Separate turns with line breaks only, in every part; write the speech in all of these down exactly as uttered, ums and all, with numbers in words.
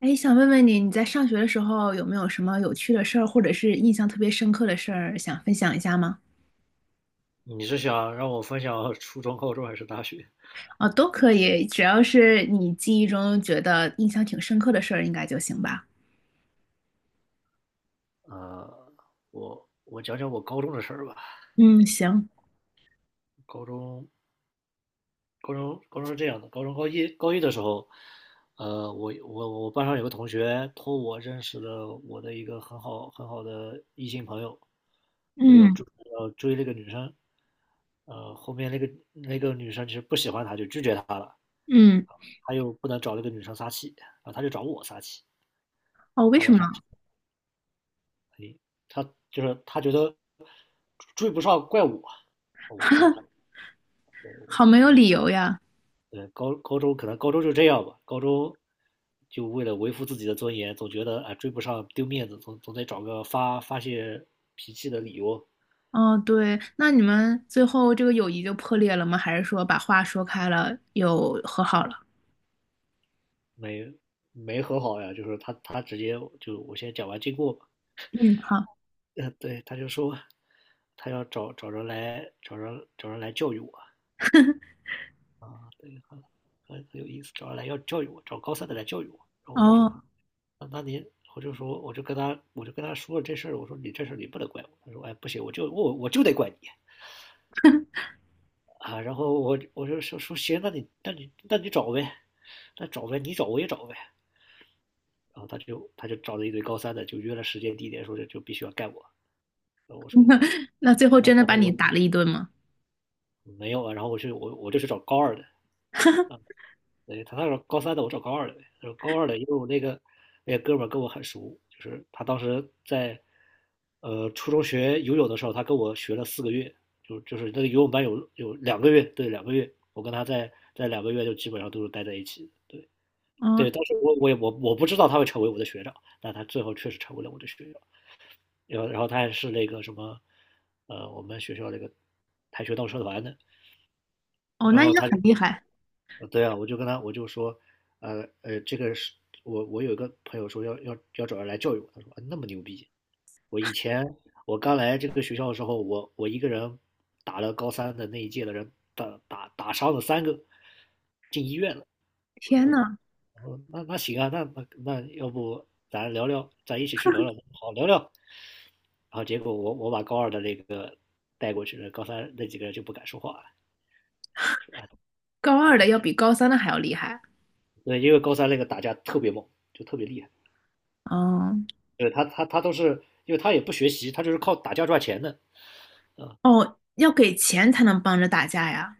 哎，想问问你，你在上学的时候有没有什么有趣的事儿，或者是印象特别深刻的事儿，想分享一下吗？
你是想让我分享 初中、高中还是大学？
哦，都可以，只要是你记忆中觉得印象挺深刻的事儿，应该就行吧。
呃，我我讲讲我高中的事儿吧。
嗯，行，
高中，高中，高中是这样的。高中高一高一的时候，呃，我我我班上有个同学托我认识了我的一个很好很好的异性朋友。对，要
嗯
追要追那个女生。呃，后面那个那个女生其实不喜欢他，就拒绝他了。
嗯，
他又不能找那个女生撒气，然后他就找我撒气，
哦，为
找
什
我
么？
撒气，他就是他觉得追不上怪我。哦，他
好没有理由呀。
对，高高中可能高中就这样吧。高中就为了维护自己的尊严，总觉得啊，追不上丢面子，总总得找个发发泄脾气的理由。
哦，对，那你们最后这个友谊就破裂了吗？还是说把话说开了，又和好了？
没没和好呀。就是他他直接就我先讲完经过吧。
嗯，好。
呃对，他就说他要找找人来找人找人来教育我啊。对，很很很有意思。找人来要教育我，找高三的来教育我。然后我就说
哦，
那那您，我就说，我就跟他，我就跟他说了这事儿。我说你这事儿你不能怪我。他说，哎，不行，我就我我就得怪你啊。然后我我就说说行。那你那你那你找呗。那找呗，你找我也找呗。然后他就他就找了一堆高三的，就约了时间地点，说这就必须要干我。然后我说，
那最后
那
真的
我
把
说
你
我
打了一顿吗？
没有啊。然后我就我我就去找高二的。对，他那时候高三的，我找高二的呗。然后高二的，因为我那个那个哥们儿跟我很熟。就是他当时在呃初中学游泳的时候，他跟我学了四个月。就就是那个游泳班有有两个月，对，两个月，我跟他在在两个月就基本上都是待在一起的。对
哦
对，当时我我也我我不知道他会成为我的学长。但他最后确实成为了我的学长。然后然后他还是那个什么。呃，我们学校那个跆拳道社团的。
哦，
然
那应
后
该
他
很厉害。
呃，对啊。我就跟他，我就说，呃呃，这个是我我有一个朋友说要要要找人来教育我。他说啊那么牛逼。我以前我刚来这个学校的时候，我我一个人打了高三的那一届的人，打打打伤了三个，进医院了。我说
天
哦
呐！
我哦，那那行啊，那那那要不咱聊聊，咱一起去聊聊，好聊聊。然后结果我我把高二的那个带过去了，高三那几个人就不敢说话了，说啊。
高二的要比高三的还要厉害
对，因为高三那个打架特别猛，就特别厉害。
哦，
对他他他都是，因为他也不学习，他就是靠打架赚钱的。
哦，要给钱才能帮着打架呀！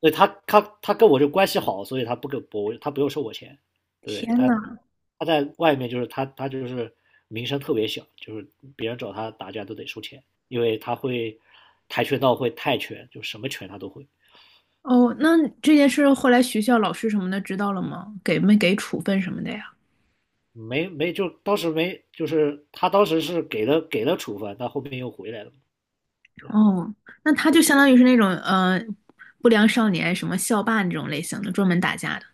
对他他他跟我就关系好，所以他不给我，他不用收我钱。对，
天
但
呐，
他在外面就是他他就是名声特别小，就是别人找他打架都得收钱，因为他会跆拳道，会泰拳，就什么拳他都会。
哦，那这件事后来学校老师什么的知道了吗？给没给处分什么的呀？
没没就当时没就是他当时是给了给了处分，但后面又回来了嘛。
哦，那他就相当于是那种呃不良少年，什么校霸那种类型的，专门打架的。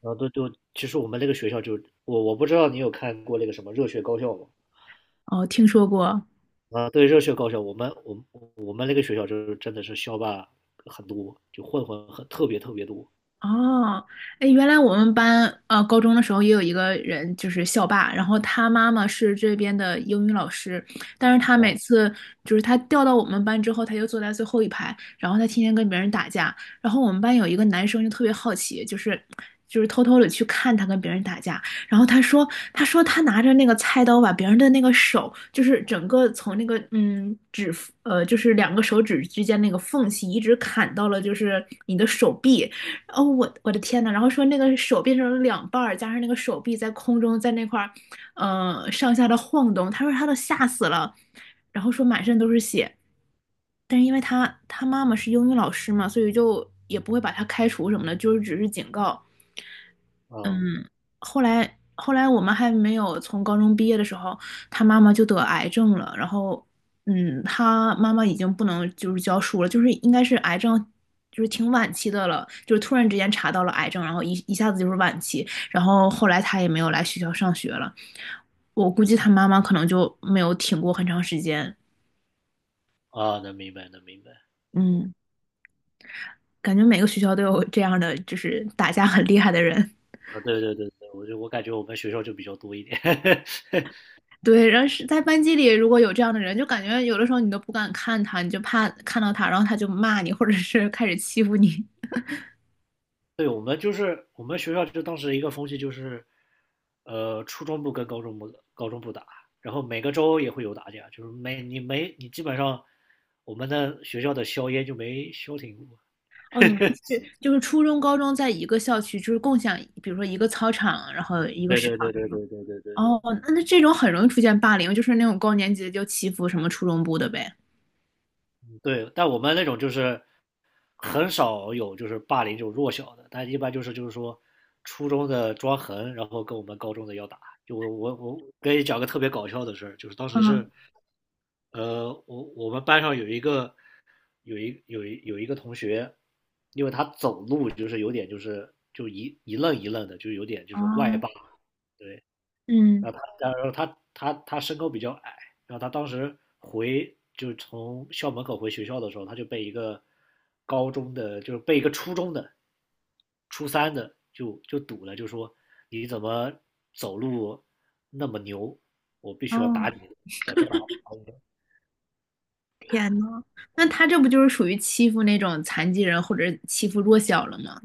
然后都就其实我们那个学校就我我不知道你有看过那个什么《热血高校》吗？
哦，听说过，
啊，对于热血高校，我们我们我们那个学校就是真的是校霸很多，就混混很特别特别多。
哦，哎，原来我们班呃高中的时候也有一个人就是校霸，然后他妈妈是这边的英语老师，但是他每
啊
次就是他调到我们班之后，他就坐在最后一排，然后他天天跟别人打架，然后我们班有一个男生就特别好奇，就是就是偷偷的去看他跟别人打架，然后他说他说他拿着那个菜刀把别人的那个手，就是整个从那个嗯指呃就是两个手指之间那个缝隙一直砍到了就是你的手臂。哦，我我的天呐！然后说那个手变成了两半儿，加上那个手臂在空中在那块儿，呃，上下的晃动。他说他都吓死了，然后说满身都是血。但是因为他他妈妈是英语老师嘛，所以就也不会把他开除什么的，就是只是警告。嗯，
啊
后来后来我们还没有从高中毕业的时候，他妈妈就得癌症了。然后，嗯，他妈妈已经不能就是教书了，就是应该是癌症，就是挺晚期的了，就是突然之间查到了癌症，然后一一下子就是晚期。然后后来他也没有来学校上学了，我估计他妈妈可能就没有挺过很长时间。
啊！能明白，能明白。
嗯，感觉每个学校都有这样的，就是打架很厉害的人。
啊！对对对对，我就我感觉我们学校就比较多一点。
对，然后是在班级里，如果有这样的人，就感觉有的时候你都不敢看他，你就怕看到他，然后他就骂你，或者是开始欺负你。
对，我们就是我们学校就当时一个风气就是，呃，初中部跟高中部高中部打。然后每个周也会有打架，就是没你没你基本上我们的学校的硝烟就没消停过。
哦，你们是就是初中、高中在一个校区，就是共享，比如说一个操场，然后一个
对
食
对
堂
对
这
对对
种。
对对对对。
哦，那那这种很容易出现霸凌，就是那种高年级的就欺负什么初中部的呗。
对，但我们那种就是。很少有就是霸凌这种弱小的，但一般就是就是说初中的抓痕，然后跟我们高中的要打。就我我我跟你讲个特别搞笑的事儿，就是当时是，
嗯，
呃，我我们班上有一个有一有一有一个同学。因为他走路就是有点就是就一一愣一愣的，就有点就是外
哦，
八。对。
嗯，
然后他，然后他，他，他身高比较矮。然后他当时回就从校门口回学校的时候，他就被一个高中的，就是被一个初中的，初三的就就堵了，就说你怎么走路那么牛，我必须要
哦，
打你。然后这把
天呐，那他这不就是属于欺负那种残疾人或者欺负弱小了吗？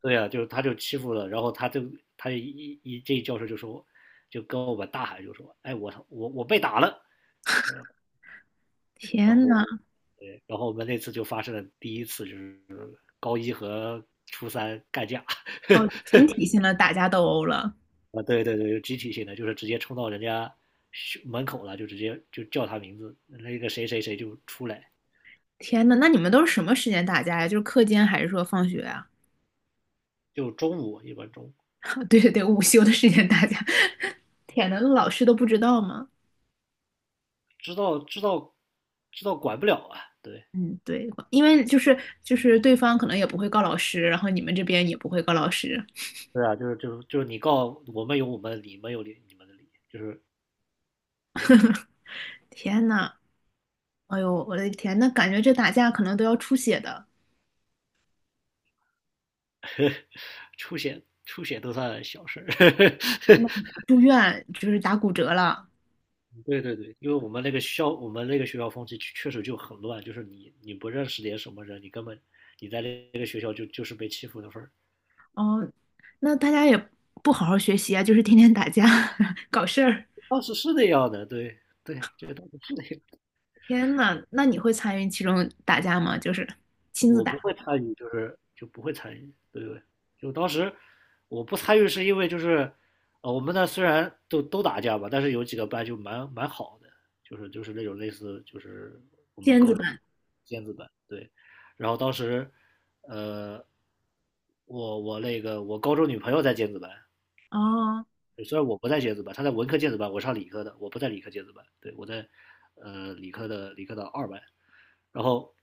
对啊，就是他就欺负了。然后他就他一一这教授就说，就跟我们大喊就说，哎，我我我被打了。然
天
后
呐，
对，然后我们那次就发生了第一次，就是高一和初三干架。
哦，群体性的打架斗殴了。
啊，对对对，集体性的，就是直接冲到人家学门口了，就直接就叫他名字，那个谁谁谁就出来。
天呐，那你们都是什么时间打架呀？就是课间还是说放学啊？
就中午一般中午。
对对对，午休的时间打架。天呐，那老师都不知道吗？
知道，知道，知道，管不了啊。对
嗯，对，因为就是就是对方可能也不会告老师，然后你们这边也不会告老师。
对啊，就是就是就是你告我们有我们的理，你们有你们的理，就是对。
天呐，哎呦，我的天，那感觉这打架可能都要出血的，
出血，出血都算小事儿。
住院就是打骨折了。
对对对，因为我们那个校，我们那个学校风气确确实就很乱，就是你你不认识点什么人，你根本你在那个学校就就是被欺负的份儿。
哦，那大家也不好好学习啊，就是天天打架 搞事儿。
当时是那样的，对对，这个当时是那样。
天呐，那你会参与其中打架吗？就是亲自
我不
打。
会参与，就是就不会参与。对对，就当时我不参与是因为就是，呃，我们那虽然都都打架吧，但是有几个班就蛮蛮好的，就是就是那种类似就是我们
尖
高
子
中
班
尖子班，对。然后当时，呃，我我那个我高中女朋友在尖子班。
哦，
虽然我不在尖子班，她在文科尖子班，我上理科的，我不在理科尖子班。对，我在呃理科的理科的二班。然后。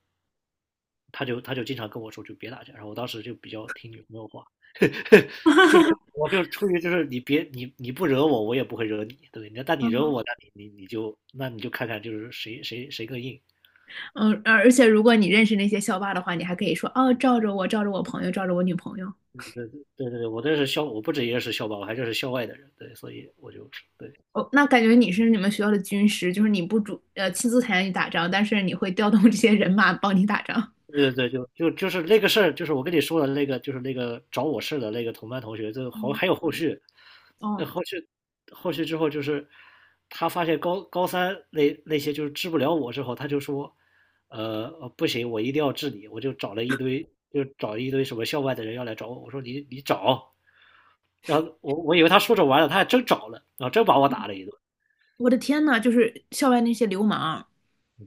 他就他就经常跟我说，就别打架。然后我当时就比较听女朋友话。就是我就出于就是你别你你不惹我，我也不会惹你，对不对？但你惹
嗯
我，那你你你就那你就看看就是谁谁谁更硬。
嗯，而而且如果你认识那些校霸的话，你还可以说哦，罩着我，罩着我朋友，罩着我女朋友。
对对对，我这是校，我不止也是校霸，我还认识校外的人，对。所以我就是对
哦，那感觉你是你们学校的军师，就是你不主呃亲自参与打仗，但是你会调动 这些人马帮你打仗。
对对对，就就就是那个事儿，就是我跟你说的那个，就是那个找我事的那个同班同学，就好
嗯，
还有后续。那
哦，
后续后续之后就是他发现高高三那那些就是治不了我之后，他就说，呃，呃不行，我一定要治你。我就找了一堆，就找一堆什么校外的人要来找我，我说你你找。然后我我以为他说着玩儿的，他还真找了，然后真把我打了一顿。
我的天呐，就是校外那些流氓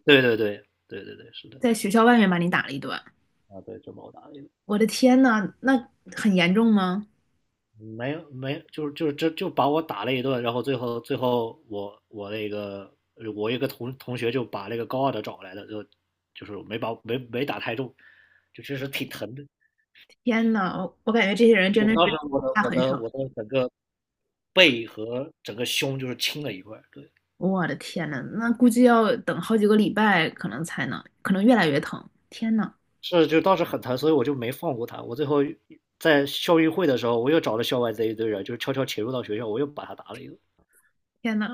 对对对对对对，是的，
在学校外面把你打了一顿，
啊对，真把我打了一顿。
我的天呐，那很严重吗？
没有没，就是就是这就就把我打了一顿。然后最后最后我我那个我一个同同学就把那个高二的找来的。就就是没把没没打太重，就确实挺疼的。
天呐，我我感觉这些人真
就
的
我当
是
时我的
下
我
狠
的
手。
我的整个背和整个胸就是青了一块儿，对。
我的天呐，那估计要等好几个礼拜，可能才能，可能越来越疼。天呐，
是，就当时很疼，所以我就没放过他。我最后在校运会的时候，我又找了校外这一堆人，就是悄悄潜入到学校，我又把他打了一顿。
天呐，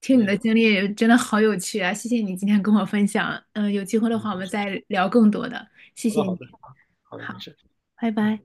听你
对。
的经历真的好有趣啊！谢谢你今天跟我分享，嗯、有机会的
嗯，
话我们
好
再聊更多的，谢
的，
谢你。
好的，好的，没
好，
事，
拜
嗯。
拜。